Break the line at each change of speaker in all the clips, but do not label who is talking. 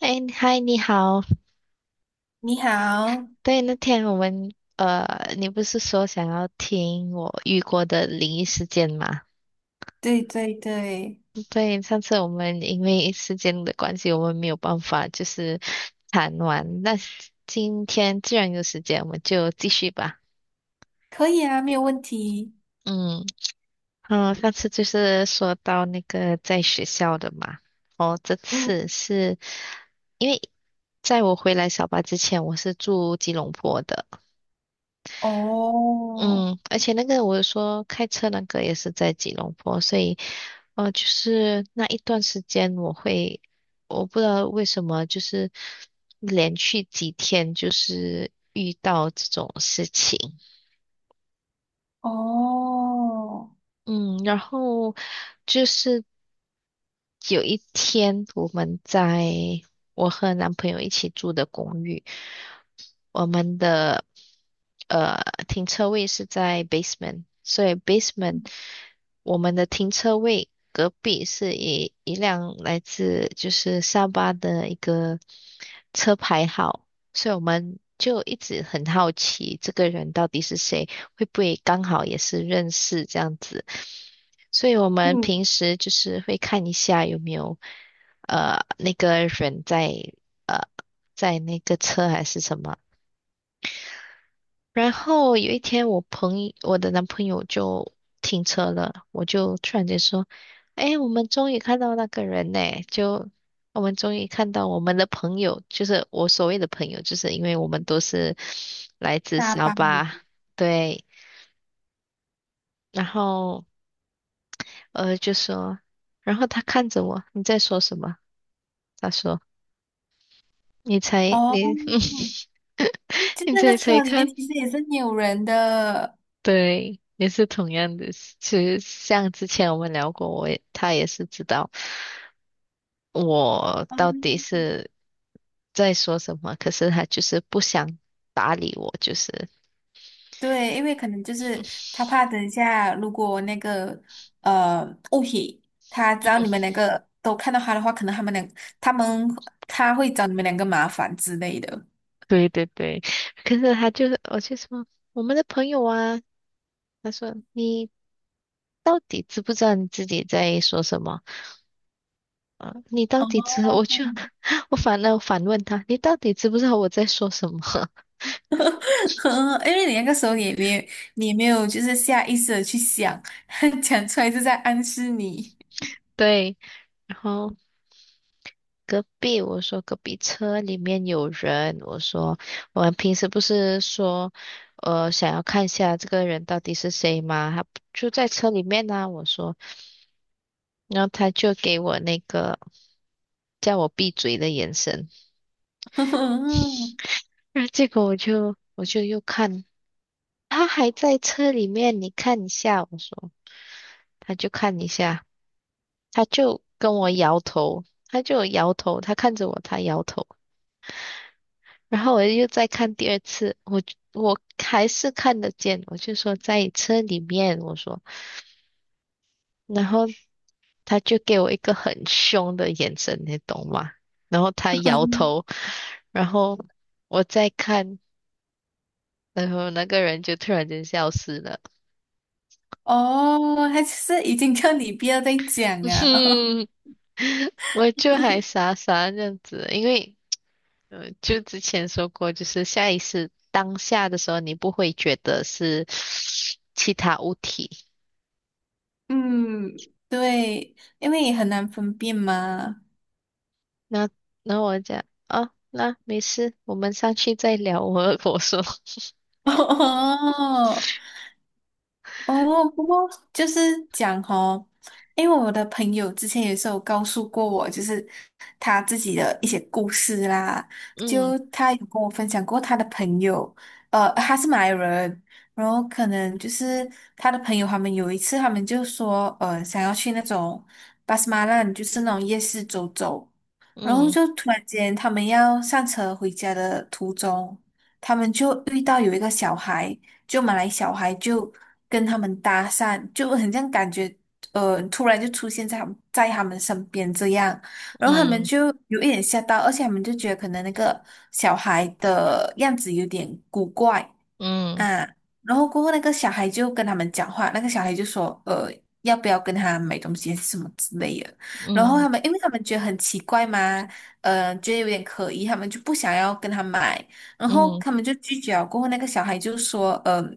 哎，嗨，你好。
你好，
对，那天我们你不是说想要听我遇过的灵异事件吗？
对对对，
对，上次我们因为时间的关系，我们没有办法就是谈完。那今天既然有时间，我们就继续吧。
可以啊，没有问题。
嗯嗯，上次就是说到那个在学校的嘛。哦，这
嗯，
次是因为在我回来小巴之前，我是住吉隆坡的。
哦
嗯，而且那个我说开车那个也是在吉隆坡，所以就是那一段时间我会，我不知道为什么，就是连续几天就是遇到这种事情。
哦，
嗯，然后就是有一天我们在我和男朋友一起住的公寓，我们的呃停车位是在 basement，所以 basement 我们的停车位隔壁是一辆来自就是沙巴的一个车牌号，所以我们就一直很好奇这个人到底是谁，会不会刚好也是认识这样子，所以我们
嗯，
平时就是会看一下有没有那个人在呃在那个车还是什么。然后有一天，我朋友，我的男朋友就停车了，我就突然间说：“哎，我们终于看到那个人呢！就我们终于看到我们的朋友，就是我所谓的朋友，就是因为我们都是来自
大
沙
巴
巴，对。然后就说，然后他看着我，你在说什么？他说：你才
哦，
你
就
你
那个
猜猜
车里面
看。”
其实也是没有人的。
对，也是同样的。其实像之前我们聊过，我也他也是知道我到底
嗯，
是在说什么，可是他就是不想搭理我，就是。
对，因为可能就是他怕等一下，如果那个呃物品，他只要你们两个都看到他的话，可能他们他会找你们两个麻烦之类的。
对对对，可是他就是，我就说我们的朋友啊，他说你到底知不知道你自己在说什么？啊，你到
哦
底知？我就 我反而反问他，你到底知不知道我在说什么？
呵，因为你那个时候你也没有就是下意识的去想，讲出来是在暗示你。
对，然后。隔壁，我说隔壁车里面有人，我说我们平时不是说，想要看一下这个人到底是谁吗？他就在车里面呢、我说，然后他就给我那个叫我闭嘴的眼神，然后结果我就又看，他还在车里面，你看一下，我说，他就看一下，他就跟我摇头，他就摇头，他看着我，他摇头。然后我又再看第二次，我还是看得见，我就说在车里面，我说，然后他就给我一个很凶的眼神，你懂吗？然后他摇头，然后我再看，然后那个人就突然间消失了，
哦，他就是已经叫你不要再讲啊。
我就还傻傻这样子，因为就之前说过，就是下意识当下的时候，你不会觉得是其他物体。
嗯，对，因为也很难分辨嘛。
那那我讲哦，那没事，我们上去再聊。我说，
哦，哦，不过就是讲哦，因为我的朋友之前也是有告诉过我，就是他自己的一些故事啦，
嗯
就他有跟我分享过他的朋友，他是马来人，然后可能就是他的朋友他们有一次他们就说，想要去那种巴斯马兰，就是那种夜市走走，然后
嗯
就突然间他们要上车回家的途中，他们就遇到有一个小孩。就马来小孩就跟他们搭讪，就很像感觉突然就出现在他们身边这样，然后他们
嗯
就有一点吓到，而且他们就觉得可能那个小孩的样子有点古怪，
嗯
啊，然后过后那个小孩就跟他们讲话，那个小孩就说，要不要跟他买东西还是什么之类的。然后
嗯
他们，因为他们觉得很奇怪嘛，觉得有点可疑，他们就不想要跟他买，然后
嗯
他们就拒绝了。过后那个小孩就说，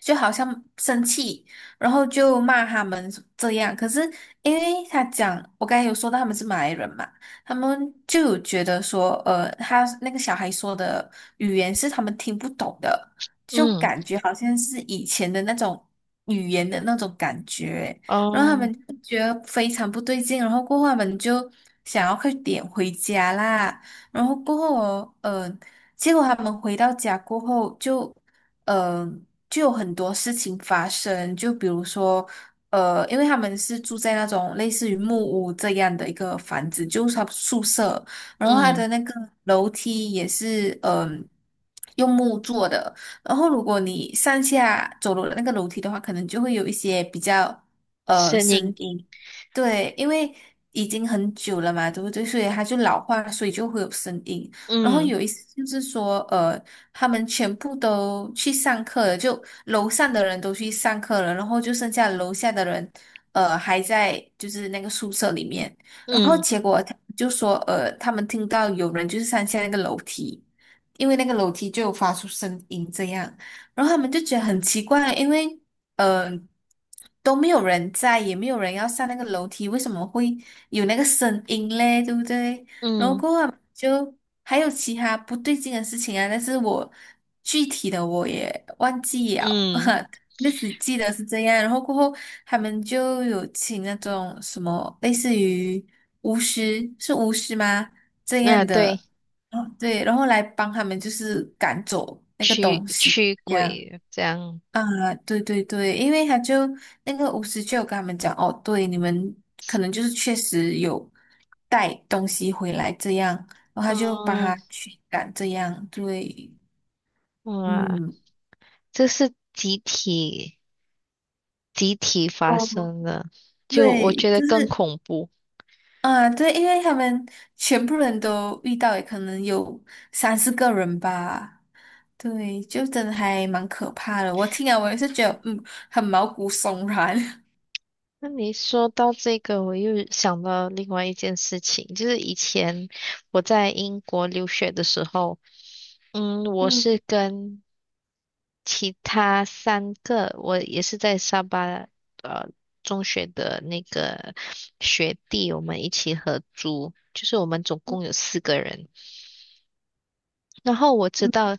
就好像生气，然后就骂他们这样。可是因为他讲，我刚才有说到他们是马来人嘛，他们就有觉得说，他那个小孩说的语言是他们听不懂的。就
嗯，
感觉好像是以前的那种语言的那种感觉，然后他
哦，
们就觉得非常不对劲，然后过后他们就想要快点回家啦，然后过后哦，结果他们回到家过后就，呃，就有很多事情发生，就比如说。因为他们是住在那种类似于木屋这样的一个房子，就是他宿舍，然后他
嗯，
的那个楼梯也是，用木做的，然后如果你上下走楼的那个楼梯的话，可能就会有一些比较
声
声
音，
音，对，因为已经很久了嘛，对不对？所以它就老化，所以就会有声音。然后
嗯
有一次就是说，他们全部都去上课了，就楼上的人都去上课了，然后就剩下楼下的人，还在就是那个宿舍里面。然后
嗯
结果他就说，他们听到有人就是上下那个楼梯。因为那个楼梯就有发出声音这样，然后他们就觉得很奇怪，因为呃都没有人在，也没有人要上那个楼梯，为什么会有那个声音嘞？对不对？然后
嗯
过后他们就还有其他不对劲的事情啊，但是我具体的我也忘记了，
嗯，
就只记得是这样。然后过后他们就有请那种什么类似于巫师，是巫师吗？这
那
样
对，
的。哦，对，然后来帮他们就是赶走那个
驱
东西
驱
一样
鬼这样，
啊，对对对，因为那个巫师就有跟他们讲，哦，对，你们可能就是确实有带东西回来这样，然后他就帮
嗯
他驱赶这样，对，
哇，
嗯。
这是集体发
哦
生的，就我
对，
觉得
就
更
是
恐怖。
啊，对，因为他们全部人都遇到，也可能有三四个人吧。对，就真的还蛮可怕的。我听了，我也是觉得，嗯，很毛骨悚然。
那你说到这个，我又想到另外一件事情，就是以前我在英国留学的时候，嗯，我
嗯
是跟其他三个，我也是在沙巴呃中学的那个学弟，我们一起合租，就是我们总共有四个人。然后我知
嗯
道，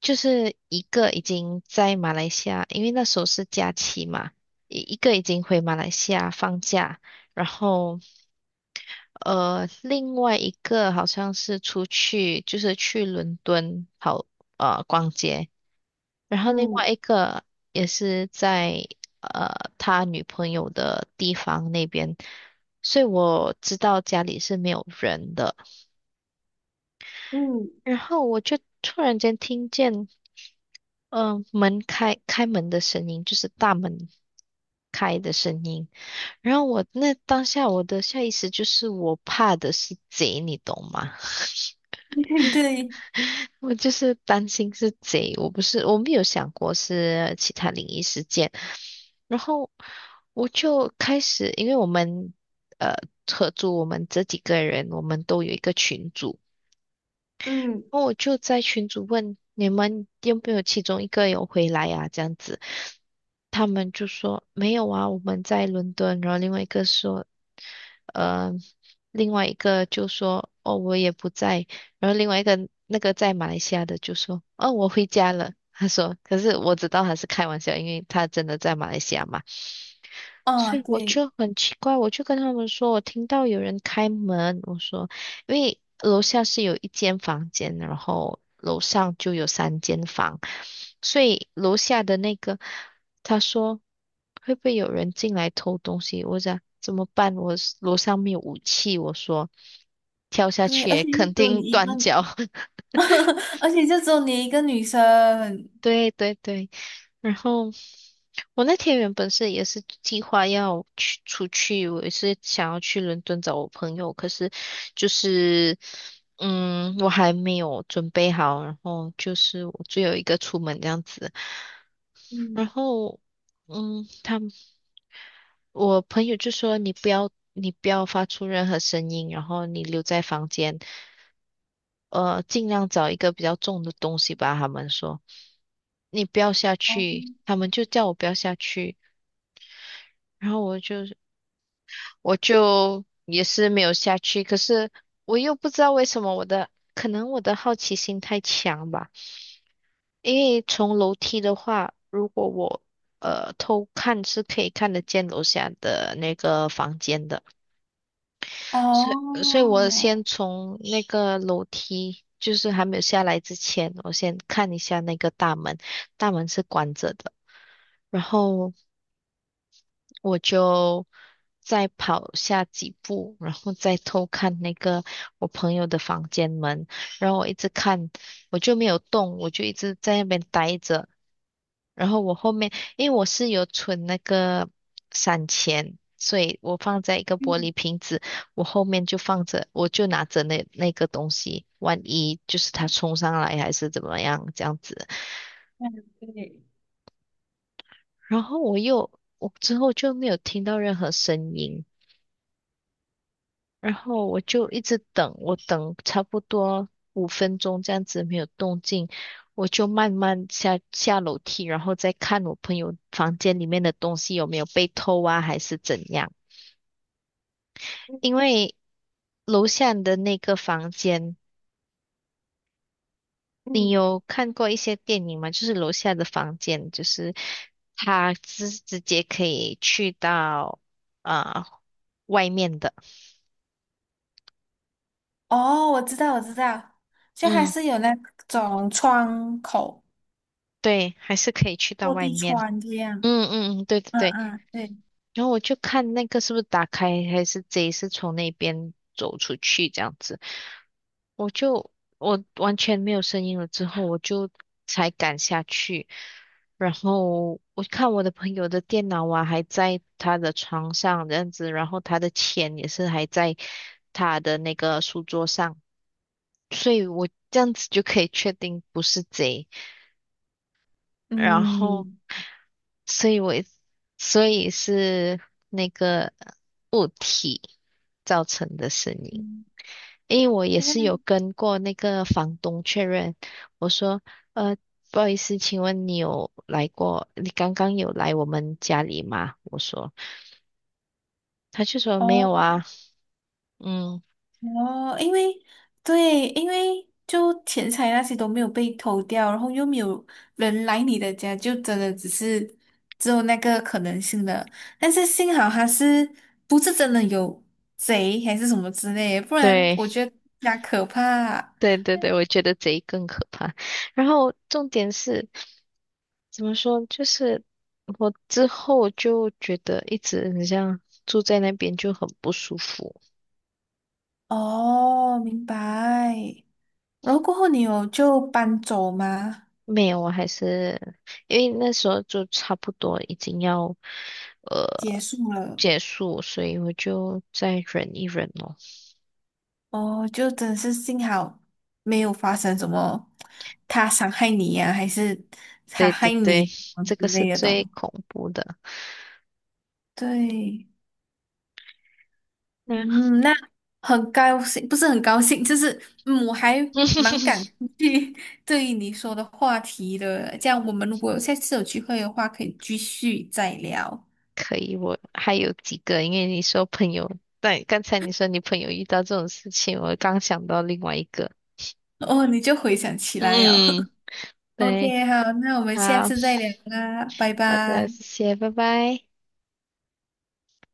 就是一个已经在马来西亚，因为那时候是假期嘛，一个已经回马来西亚放假，然后。另外一个好像是出去，就是去伦敦好逛街，然后另外
嗯
一个也是在他女朋友的地方那边，所以我知道家里是没有人的。
嗯
然后我就突然间听见，嗯、开门的声音，就是大门开的声音。然后我那当下我的下意识就是我怕的是贼，你懂吗？
对对 对，
我就是担心是贼，我不是，我没有想过是其他灵异事件。然后我就开始，因为我们呃合租，我们这几个人，我们都有一个群组。
嗯，
然后我就在群主问你们有没有其中一个有回来啊？这样子，他们就说没有啊，我们在伦敦。然后另外一个说，呃，另外一个就说哦，我也不在。然后另外一个那个在马来西亚的就说哦，我回家了。他说，可是我知道他是开玩笑，因为他真的在马来西亚嘛。
哦，
所以我
对
就很奇怪，我就跟他们说，我听到有人开门，我说，因为楼下是有一间房间，然后楼上就有三间房，所以楼下的那个他说会不会有人进来偷东西？我讲怎么办？我是楼上没有武器，我说跳下
对，
去
而
也
且就只
肯
有
定
你一个，
断脚，
而且就只有你一个女生。
对对对，然后我那天原本是也是计划要去出去，我也是想要去伦敦找我朋友，可是就是嗯，我还没有准备好，然后就是我只有一个出门这样子，
嗯
然后嗯，他。们。我朋友就说你不要，你不要发出任何声音，然后你留在房间，尽量找一个比较重的东西吧。他们说你不要下
哦
去，他们就叫我不要下去，然后我就也是没有下去，可是我又不知道为什么我的，可能我的好奇心太强吧，因为从楼梯的话，如果我偷看是可以看得见楼下的那个房间的。所以，所以我
哦，
先从那个楼梯，就是还没有下来之前，我先看一下那个大门，大门是关着的。然后我就再跑下几步，然后再偷看那个我朋友的房间门，然后我一直看，我就没有动，我就一直在那边待着。然后我后面，因为我是有存那个散钱，所以我放在一个玻
嗯
璃瓶子，我后面就放着，我就拿着那个东西，万一就是他冲上来还是怎么样这样子。
对，
然后我又，我之后就没有听到任何声音。然后我就一直等，我等差不多五分钟这样子没有动静，我就慢慢下楼梯，然后再看我朋友房间里面的东西有没有被偷啊，还是怎样？因为楼下的那个房间，你
嗯，
有看过一些电影吗？就是楼下的房间，就是他直接可以去到啊、呃外面的，
哦，我知道，我知道，就还
嗯，
是有那种窗口
对，还是可以去到
落
外
地
面。
窗这样。
嗯嗯，嗯，对对
嗯
对。
嗯，对，
然后我就看那个是不是打开，还是贼是从那边走出去这样子。我就我完全没有声音了之后，我就才敢下去。然后我看我的朋友的电脑啊还在他的床上这样子，然后他的钱也是还在他的那个书桌上，所以我这样子就可以确定不是贼。然后
嗯
所以我所以是那个物体造成的声音。
嗯，
因为我也
就这
是有
样。
跟过那个房东确认，我说，呃，不好意思，请问你有来过？你刚刚有来我们家里吗？我说，他就说没有
哦。
啊。嗯，
哦，因为对，因为就钱财那些都没有被偷掉，然后又没有人来你的家，就真的只是只有那个可能性的。但是幸好他是不是真的有贼还是什么之类，不然
对，
我觉得更加可怕。
对对对，我觉得贼更可怕。然后重点是。怎么说？就是我之后就觉得一直很像住在那边就很不舒服。
哦，明白。然后过后你有就搬走吗？
没有，我还是因为那时候就差不多已经要呃
结束了。
结束，所以我就再忍一忍咯。
哦，就真是幸好没有发生什么他伤害你呀、还是他
对对
害你
对，
什么
这
之
个是
类的
最
东
恐怖的。
对，
嗯，
嗯，那很高兴，不是很高兴，就是嗯，我还蛮感 兴趣 对于你说的话题的。这样，我们如果下次有机会的话，可以继续再聊。
可以，我还有几个，因为你说朋友，对，刚才你说你朋友遇到这种事情，我刚想到另外一个。
哦，你就回想起来了。
嗯，对，
OK,好，那我们下
好。
次再聊啦，拜
好的，
拜。
谢谢，拜拜。